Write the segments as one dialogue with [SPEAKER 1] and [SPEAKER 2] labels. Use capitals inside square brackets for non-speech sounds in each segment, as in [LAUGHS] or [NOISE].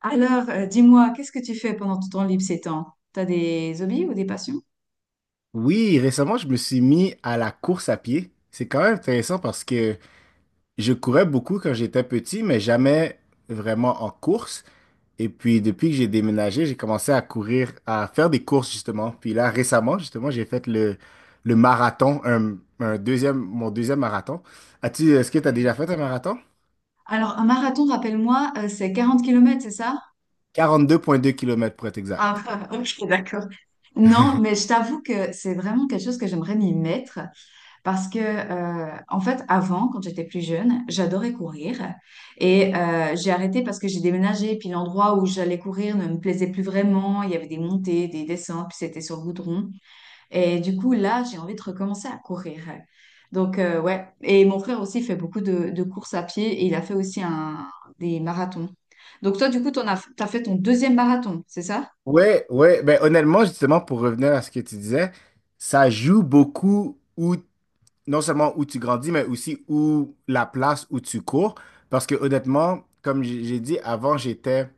[SPEAKER 1] Alors, dis-moi, qu'est-ce que tu fais pendant ton temps libre ces temps? T'as des hobbies ou des passions?
[SPEAKER 2] Oui, récemment, je me suis mis à la course à pied. C'est quand même intéressant parce que je courais beaucoup quand j'étais petit, mais jamais vraiment en course. Et puis, depuis que j'ai déménagé, j'ai commencé à courir, à faire des courses, justement. Puis là, récemment, justement, j'ai fait le marathon, un deuxième, mon deuxième marathon. As-tu, est-ce que tu as déjà
[SPEAKER 1] Ouais.
[SPEAKER 2] fait un marathon?
[SPEAKER 1] Alors, un marathon, rappelle-moi, c'est 40 km kilomètres, c'est ça?
[SPEAKER 2] 42,2 km pour être
[SPEAKER 1] Ah,
[SPEAKER 2] exact.
[SPEAKER 1] [LAUGHS] ok, d'accord. Non, mais je t'avoue que c'est vraiment quelque chose que j'aimerais m'y mettre parce que, en fait, avant, quand j'étais plus jeune, j'adorais courir et j'ai arrêté parce que j'ai déménagé, puis l'endroit où j'allais courir ne me plaisait plus vraiment, il y avait des montées, des descentes, puis c'était sur le goudron. Et du coup, là, j'ai envie de recommencer à courir. Donc, ouais. Et mon frère aussi fait beaucoup de courses à pied et il a fait aussi des marathons. Donc, toi, du coup, t'as fait ton deuxième marathon, c'est ça?
[SPEAKER 2] Ouais, ouais, ben honnêtement, justement, pour revenir à ce que tu disais, ça joue beaucoup où. Non seulement où tu grandis, mais aussi où la place où tu cours. Parce que honnêtement, comme j'ai dit avant, j'étais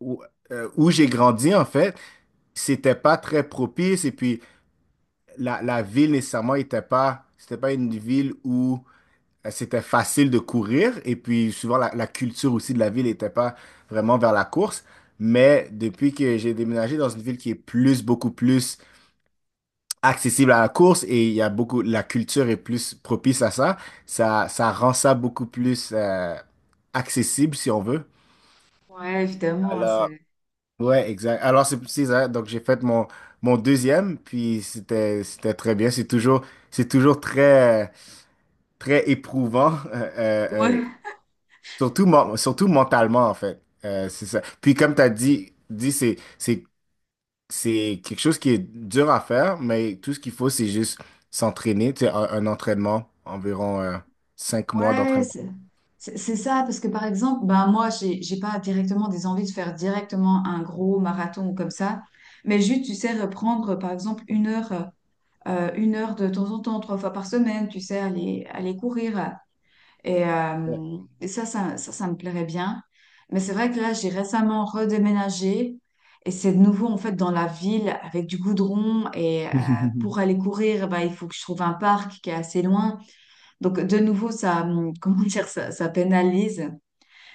[SPEAKER 2] où, où j'ai grandi, en fait, c'était pas très propice. Et puis la ville nécessairement était pas, c'était pas une ville où c'était facile de courir. Et puis souvent la culture aussi de la ville n'était pas vraiment vers la course. Mais depuis que j'ai déménagé dans une ville qui est plus, beaucoup plus accessible à la course, et il y a beaucoup, la culture est plus propice à ça. Ça rend ça beaucoup plus accessible, si on veut.
[SPEAKER 1] Ouais, évidemment, hein,
[SPEAKER 2] Alors,
[SPEAKER 1] c'est...
[SPEAKER 2] ouais, exact. Alors, c'est ça. Donc, j'ai fait mon deuxième, puis c'était très bien. C'est toujours très, très éprouvant, [LAUGHS]
[SPEAKER 1] Ouais.
[SPEAKER 2] surtout, surtout mentalement, en fait. C'est ça. Puis, comme tu as dit c'est, c'est quelque chose qui est dur à faire, mais tout ce qu'il faut, c'est juste s'entraîner. Tu sais, un entraînement, environ 5 mois
[SPEAKER 1] Ouais,
[SPEAKER 2] d'entraînement.
[SPEAKER 1] c'est ça, parce que par exemple, ben moi, j'ai pas directement des envies de faire directement un gros marathon ou comme ça, mais juste, tu sais, reprendre par exemple une heure de temps en temps, trois fois par semaine, tu sais, aller courir.
[SPEAKER 2] Ouais.
[SPEAKER 1] Et ça me plairait bien. Mais c'est vrai que là, j'ai récemment redéménagé et c'est de nouveau en fait dans la ville avec du goudron. Et pour
[SPEAKER 2] [LAUGHS]
[SPEAKER 1] aller courir, ben, il faut que je trouve un parc qui est assez loin. Donc, de nouveau, ça, [LAUGHS] comment dire, ça pénalise.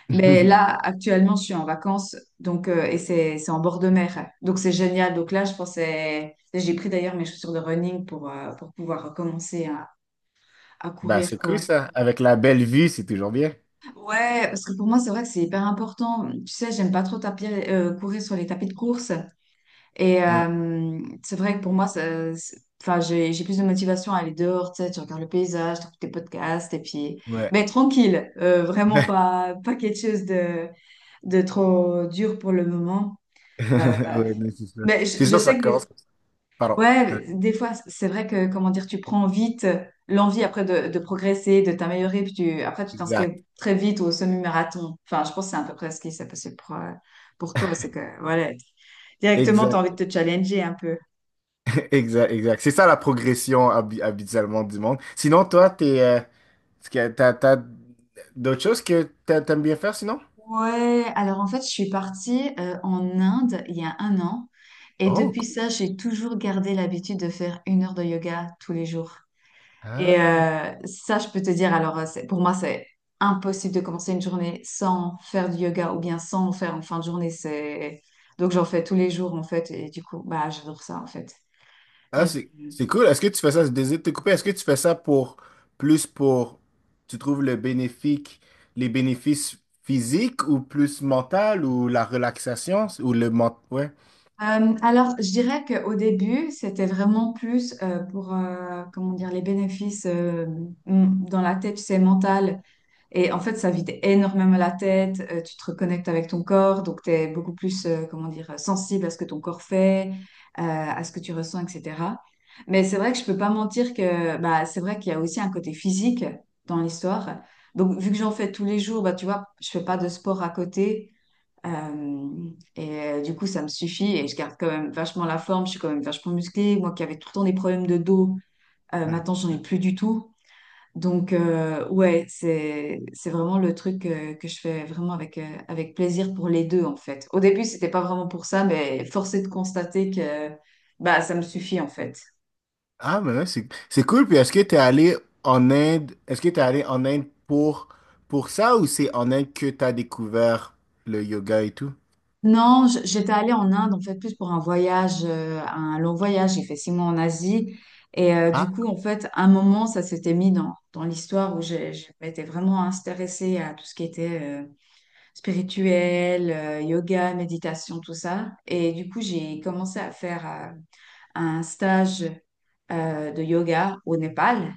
[SPEAKER 1] Mais là, actuellement, je suis en vacances, donc, et c'est en bord de mer. Donc, c'est génial. Donc là, je pensais, j'ai pris d'ailleurs mes chaussures de running pour pouvoir commencer à
[SPEAKER 2] Ben,
[SPEAKER 1] courir,
[SPEAKER 2] c'est cool,
[SPEAKER 1] quoi.
[SPEAKER 2] ça. Avec la belle vue, c'est toujours bien.
[SPEAKER 1] Ouais, parce que pour moi, c'est vrai que c'est hyper important. Tu sais, j'aime pas trop courir sur les tapis de course. Et
[SPEAKER 2] Ouais,
[SPEAKER 1] c'est vrai que pour moi, enfin, j'ai plus de motivation à aller dehors, tu sais, tu regardes le paysage, tu écoutes tes podcasts, et puis...
[SPEAKER 2] ouais.
[SPEAKER 1] Mais tranquille, vraiment
[SPEAKER 2] [LAUGHS]
[SPEAKER 1] pas quelque chose de trop dur pour le moment. Bah,
[SPEAKER 2] Ouais, non, c'est ça.
[SPEAKER 1] mais
[SPEAKER 2] C'est
[SPEAKER 1] je
[SPEAKER 2] sûr, ça
[SPEAKER 1] sais que
[SPEAKER 2] commence comme ça. Pardon. Ouais,
[SPEAKER 1] ouais, des fois, c'est vrai que, comment dire, tu prends vite l'envie après de progresser, de t'améliorer, puis tu, après, tu
[SPEAKER 2] exact.
[SPEAKER 1] t'inscris très vite au semi-marathon. Enfin, je pense que c'est à peu près ce qui s'est passé pour toi, c'est que, voilà, directement, tu as envie
[SPEAKER 2] Exact.
[SPEAKER 1] de te challenger un peu.
[SPEAKER 2] [LAUGHS] Exact. Exact. C'est ça, la progression habituellement du monde. Sinon, toi, est-ce que t'as d'autres choses que t'aimes bien faire sinon?
[SPEAKER 1] Ouais, alors en fait, je suis partie en Inde il y a un an. Et
[SPEAKER 2] Oh,
[SPEAKER 1] depuis
[SPEAKER 2] cool.
[SPEAKER 1] ça, j'ai toujours gardé l'habitude de faire 1 heure de yoga tous les jours. Et
[SPEAKER 2] Ah.
[SPEAKER 1] ça, je peux te dire, alors pour moi, c'est impossible de commencer une journée sans faire du yoga ou bien sans en faire en fin de journée. C'est... Donc j'en fais tous les jours en fait. Et du coup, bah, j'adore ça en fait.
[SPEAKER 2] Ah,
[SPEAKER 1] Et
[SPEAKER 2] c'est cool. Est-ce que tu fais ça, je désire te couper, est-ce que tu fais ça pour, plus pour, tu trouves le bénéfique, les bénéfices physiques ou plus mental ou la relaxation ou Ouais.
[SPEAKER 1] alors, je dirais qu'au début, c'était vraiment plus pour, comment dire, les bénéfices dans la tête, c'est mental. Et en fait, ça vide énormément la tête, tu te reconnectes avec ton corps, donc tu es beaucoup plus, comment dire, sensible à ce que ton corps fait, à ce que tu ressens, etc. Mais c'est vrai que je peux pas mentir que bah, c'est vrai qu'il y a aussi un côté physique dans l'histoire. Donc, vu que j'en fais tous les jours, bah, tu vois, je fais pas de sport à côté. euh, et du coup, ça me suffit et je garde quand même vachement la forme, je suis quand même vachement musclée. Moi qui avais tout le temps des problèmes de dos, maintenant, j'en ai plus du tout. Donc, ouais, c'est vraiment le truc que je fais vraiment avec plaisir pour les deux, en fait. Au début, c'était pas vraiment pour ça, mais force est de constater que bah, ça me suffit, en fait.
[SPEAKER 2] Ah, mais ouais, c'est cool. Puis est-ce que tu es allé en Inde, est-ce que tu es allé en Inde pour, ça, ou c'est en Inde que tu as découvert le yoga et tout?
[SPEAKER 1] Non, j'étais allée en Inde, en fait, plus pour un voyage, un long voyage. J'ai fait 6 mois en Asie. Et du
[SPEAKER 2] Ah,
[SPEAKER 1] coup, en fait, à un moment, ça s'était mis dans l'histoire où je m'étais vraiment intéressée à tout ce qui était spirituel, yoga, méditation, tout ça. Et du coup, j'ai commencé à faire... euh, un stage de yoga au Népal.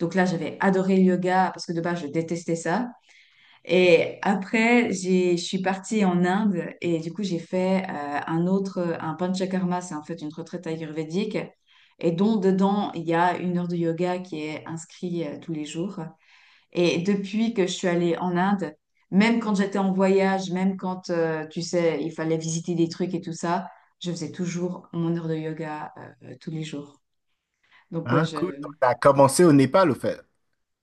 [SPEAKER 1] Donc là, j'avais adoré le yoga parce que de base, je détestais ça. Et après, je suis partie en Inde et du coup, j'ai fait un Panchakarma, c'est en fait une retraite ayurvédique. Et dont dedans, il y a 1 heure de yoga qui est inscrite tous les jours. Et depuis que je suis allée en Inde, même quand j'étais en voyage, même quand, tu sais, il fallait visiter des trucs et tout ça, je faisais toujours mon 1 heure de yoga tous les jours. Donc ouais,
[SPEAKER 2] ah,
[SPEAKER 1] je...
[SPEAKER 2] cool. Donc, tu as commencé au Népal, au fait.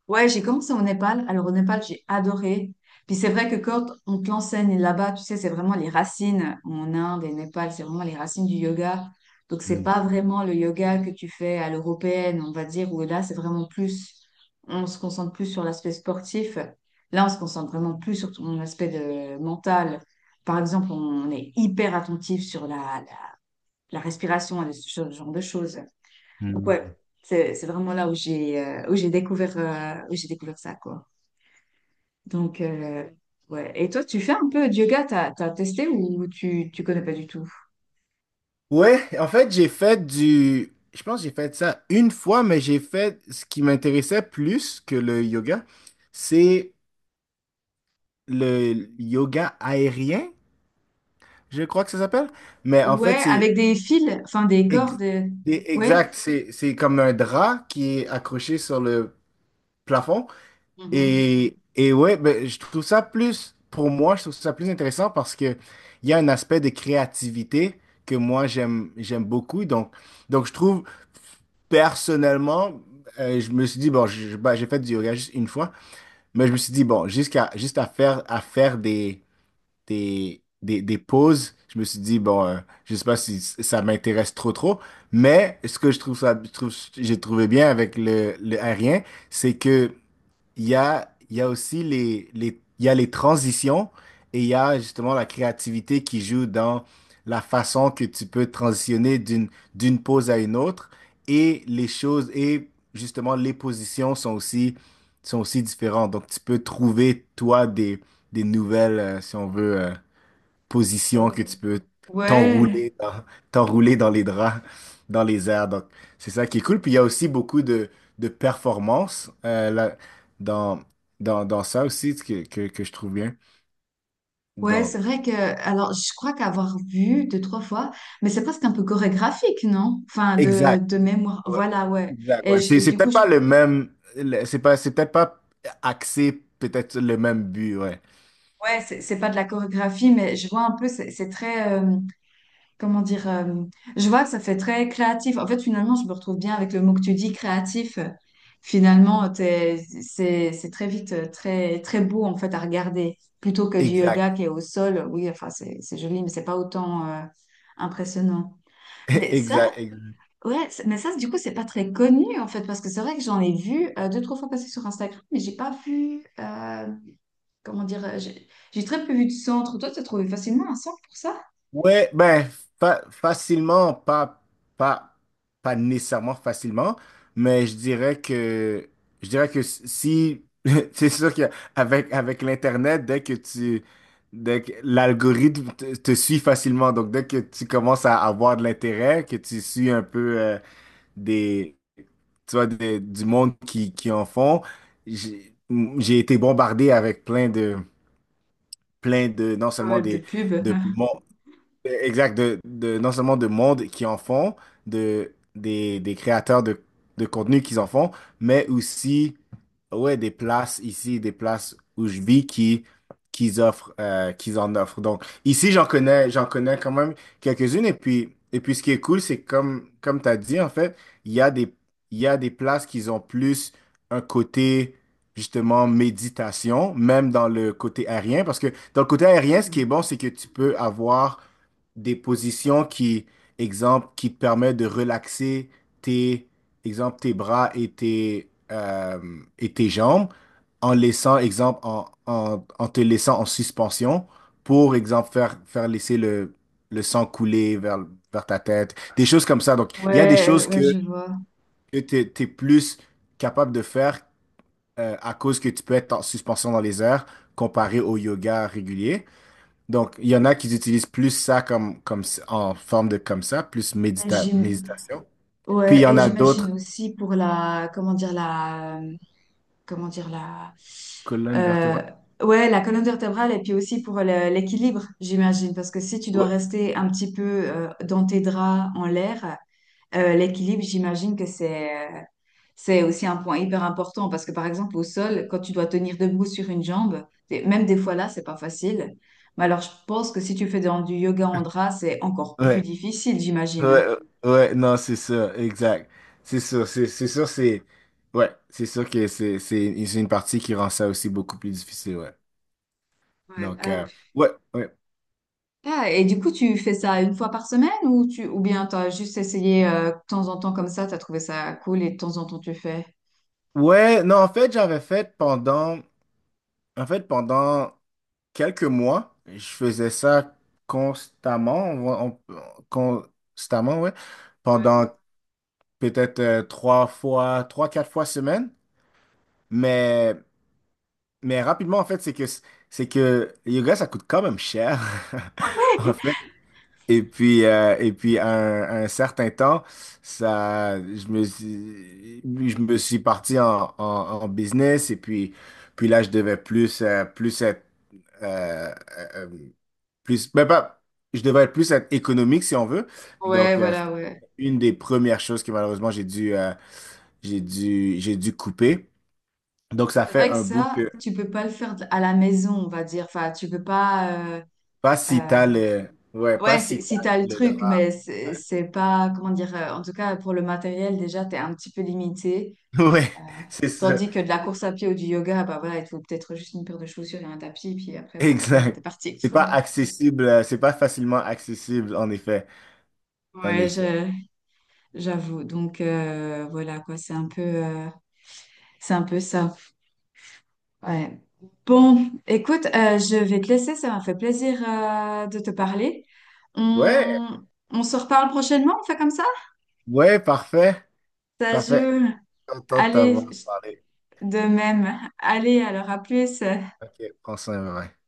[SPEAKER 1] ouais, j'ai commencé au Népal. Alors au Népal, j'ai adoré. Puis c'est vrai que quand on te l'enseigne là-bas, tu sais, c'est vraiment les racines en Inde et Népal, c'est vraiment les racines du yoga. Donc c'est
[SPEAKER 2] Hmm.
[SPEAKER 1] pas vraiment le yoga que tu fais à l'européenne, on va dire, où là c'est vraiment plus, on se concentre plus sur l'aspect sportif. Là, on se concentre vraiment plus sur ton aspect de mental. Par exemple, on est hyper attentif sur la respiration et ce genre de choses. Donc, ouais,
[SPEAKER 2] Hmm.
[SPEAKER 1] c'est vraiment là où j'ai découvert ça quoi. Donc ouais. Et toi, tu fais un peu de yoga, t'as testé ou tu connais pas du tout?
[SPEAKER 2] Ouais, en fait, Je pense que j'ai fait ça une fois, mais j'ai fait ce qui m'intéressait plus que le yoga. C'est le yoga aérien, je crois que ça s'appelle. Mais en fait,
[SPEAKER 1] Ouais,
[SPEAKER 2] c'est
[SPEAKER 1] avec des fils, enfin des
[SPEAKER 2] ex-
[SPEAKER 1] cordes. Ouais.
[SPEAKER 2] exact. C'est comme un drap qui est accroché sur le plafond.
[SPEAKER 1] Mhm.
[SPEAKER 2] Et ouais, ben, je trouve ça plus, pour moi, je trouve ça plus intéressant parce que il y a un aspect de créativité que moi, j'aime beaucoup. Donc, je trouve, personnellement, je me suis dit, bon, j'ai fait du yoga juste une fois, mais je me suis dit, bon, juste à faire des pauses, je me suis dit, bon, je sais pas si ça m'intéresse trop, trop, mais ce que je trouve ça, je trouve, j'ai trouvé bien avec le aérien, c'est que il y a aussi il y a les transitions, et il y a justement la créativité qui joue dans la façon que tu peux transitionner d'une pose à une autre, et les choses, et justement les positions sont aussi différentes. Donc tu peux trouver toi des nouvelles, si on veut, position que tu peux
[SPEAKER 1] Ouais,
[SPEAKER 2] t'enrouler dans, t'enrouler dans les draps, dans les airs. Donc, c'est ça qui est cool. Puis il y a aussi beaucoup de performances là, dans, dans ça aussi que je trouve bien.
[SPEAKER 1] ouais, c'est
[SPEAKER 2] Donc,
[SPEAKER 1] vrai que alors je crois qu'avoir vu deux trois fois, mais c'est presque un peu chorégraphique, non? Enfin
[SPEAKER 2] exact.
[SPEAKER 1] de mémoire,
[SPEAKER 2] Ouais.
[SPEAKER 1] voilà, ouais.
[SPEAKER 2] Exact,
[SPEAKER 1] Et
[SPEAKER 2] ouais. C'est, c'est peut-être pas le même, c'est pas, c'est peut-être pas axé peut-être sur le même but, ouais.
[SPEAKER 1] ouais, c'est pas de la chorégraphie, mais je vois un peu, c'est très, comment dire, je vois que ça fait très créatif. En fait, finalement, je me retrouve bien avec le mot que tu dis, créatif. Finalement, c'est très vite, très très beau en fait à regarder, plutôt que du
[SPEAKER 2] Exact.
[SPEAKER 1] yoga qui est au sol. Oui, enfin, c'est joli, mais c'est pas autant impressionnant.
[SPEAKER 2] [LAUGHS]
[SPEAKER 1] Mais ça,
[SPEAKER 2] Exact, exact.
[SPEAKER 1] ouais, mais ça, du coup, c'est pas très connu en fait, parce que c'est vrai que j'en ai vu deux, trois fois passer sur Instagram, mais j'ai pas vu, comment dire, j'ai très peu vu de centre. Toi, tu as trouvé facilement un centre pour ça?
[SPEAKER 2] Ouais, ben, facilement, pas, pas nécessairement facilement, mais je dirais que si, [LAUGHS] c'est sûr qu'avec, avec l'Internet, dès que l'algorithme te suit facilement, donc dès que tu commences à avoir de l'intérêt, que tu suis un peu des, tu vois, du monde qui en font, j'ai j'ai été bombardé avec plein de, non seulement
[SPEAKER 1] De
[SPEAKER 2] des,
[SPEAKER 1] pub.
[SPEAKER 2] de, exact, de, non seulement de monde qui en font, de, des créateurs de contenu qui en font, mais aussi ouais, des places ici, des places où je vis qui offrent, qu'ils en offrent. Donc ici, j'en connais quand même quelques-unes. Et puis ce qui est cool, c'est comme tu as dit, en fait, il y a des, il y a des places qui ont plus un côté justement méditation, même dans le côté aérien, parce que dans le côté aérien, ce qui est bon, c'est que tu peux avoir des positions qui, exemple, qui te permettent de relaxer tes, exemple, tes bras et et tes jambes, en laissant, exemple, en te laissant en suspension pour, exemple, faire laisser le sang couler vers ta tête, des choses comme ça. Donc, il y a des
[SPEAKER 1] Ouais,
[SPEAKER 2] choses
[SPEAKER 1] ouais,
[SPEAKER 2] que,
[SPEAKER 1] je vois.
[SPEAKER 2] que tu es plus capable de faire à cause que tu peux être en suspension dans les airs comparé au yoga régulier. Donc, il y en a qui utilisent plus ça comme, en forme de comme ça, plus
[SPEAKER 1] Et j'im-
[SPEAKER 2] méditation. Puis il y
[SPEAKER 1] ouais,
[SPEAKER 2] en
[SPEAKER 1] et
[SPEAKER 2] a
[SPEAKER 1] j'imagine
[SPEAKER 2] d'autres,
[SPEAKER 1] aussi pour la, comment dire, la, comment dire, la,
[SPEAKER 2] colonne
[SPEAKER 1] euh,
[SPEAKER 2] vertébrale.
[SPEAKER 1] ouais, la colonne vertébrale et puis aussi pour l'équilibre, j'imagine, parce que si tu dois
[SPEAKER 2] Ouais,
[SPEAKER 1] rester un petit peu dans tes draps en l'air, l'équilibre, j'imagine que euh, c'est aussi un point hyper important, parce que par exemple au sol, quand tu dois tenir debout sur une jambe, et même des fois là, c'est pas facile. Mais alors je pense que si tu fais dans du yoga en drap, c'est encore plus
[SPEAKER 2] ouais,
[SPEAKER 1] difficile,
[SPEAKER 2] ouais,
[SPEAKER 1] j'imagine.
[SPEAKER 2] ouais, non, c'est ça, exact. C'est sûr, c'est sûr, c'est ouais, c'est sûr que c'est une partie qui rend ça aussi beaucoup plus difficile, ouais.
[SPEAKER 1] Ouais,
[SPEAKER 2] Donc,
[SPEAKER 1] hop.
[SPEAKER 2] ouais, ouais,
[SPEAKER 1] Ah, et du coup, tu fais ça une fois par semaine ou tu ou bien t'as juste essayé de temps en temps comme ça, t'as trouvé ça cool et de temps en temps tu fais.
[SPEAKER 2] ouais, non, en fait, pendant quelques mois, je faisais ça constamment, constamment, ouais, pendant peut-être 3 fois, trois, 4 fois semaine. Mais, mais rapidement, en fait, c'est que le yoga, ça coûte quand même cher,
[SPEAKER 1] Ouais.
[SPEAKER 2] [LAUGHS] en fait. Et puis à un certain temps, ça, je me suis parti en, en business. Et puis là, je devais plus, plus être, euh, euh, euh, plus, ben, pas, je devais plus être économique, si on veut.
[SPEAKER 1] Ouais,
[SPEAKER 2] Donc, c'est
[SPEAKER 1] voilà, ouais.
[SPEAKER 2] une des premières choses que malheureusement, j'ai dû couper. Donc, ça
[SPEAKER 1] C'est
[SPEAKER 2] fait
[SPEAKER 1] vrai que
[SPEAKER 2] un bout
[SPEAKER 1] ça,
[SPEAKER 2] que
[SPEAKER 1] tu peux pas le faire à la maison, on va dire. Enfin, tu peux pas.
[SPEAKER 2] pas si
[SPEAKER 1] Euh,
[SPEAKER 2] t'as le, ouais, pas
[SPEAKER 1] Ouais,
[SPEAKER 2] si t'as
[SPEAKER 1] si t'as le
[SPEAKER 2] le
[SPEAKER 1] truc,
[SPEAKER 2] drap.
[SPEAKER 1] mais c'est pas comment dire. En tout cas, pour le matériel, déjà, t'es un petit peu limité.
[SPEAKER 2] [LAUGHS] Ouais,
[SPEAKER 1] Euh,
[SPEAKER 2] c'est ça.
[SPEAKER 1] Tandis que de la course à pied ou du yoga, bah voilà, il te faut peut-être juste une paire de chaussures et un tapis, puis après, bah voilà,
[SPEAKER 2] Exact.
[SPEAKER 1] t'es parti.
[SPEAKER 2] C'est
[SPEAKER 1] Quoi.
[SPEAKER 2] pas accessible, c'est pas facilement accessible, en effet. En
[SPEAKER 1] Ouais,
[SPEAKER 2] effet.
[SPEAKER 1] je j'avoue. Donc voilà quoi, c'est un peu ça. Ouais. Bon, écoute, je vais te laisser, ça m'a fait plaisir de te parler.
[SPEAKER 2] Ouais,
[SPEAKER 1] On, on se reparle prochainement, on fait comme ça?
[SPEAKER 2] ouais, parfait.
[SPEAKER 1] Ça
[SPEAKER 2] Parfait.
[SPEAKER 1] joue.
[SPEAKER 2] Content de
[SPEAKER 1] Allez,
[SPEAKER 2] t'avoir parlé.
[SPEAKER 1] de même. Allez, alors à plus.
[SPEAKER 2] Ok, prends soin, bye.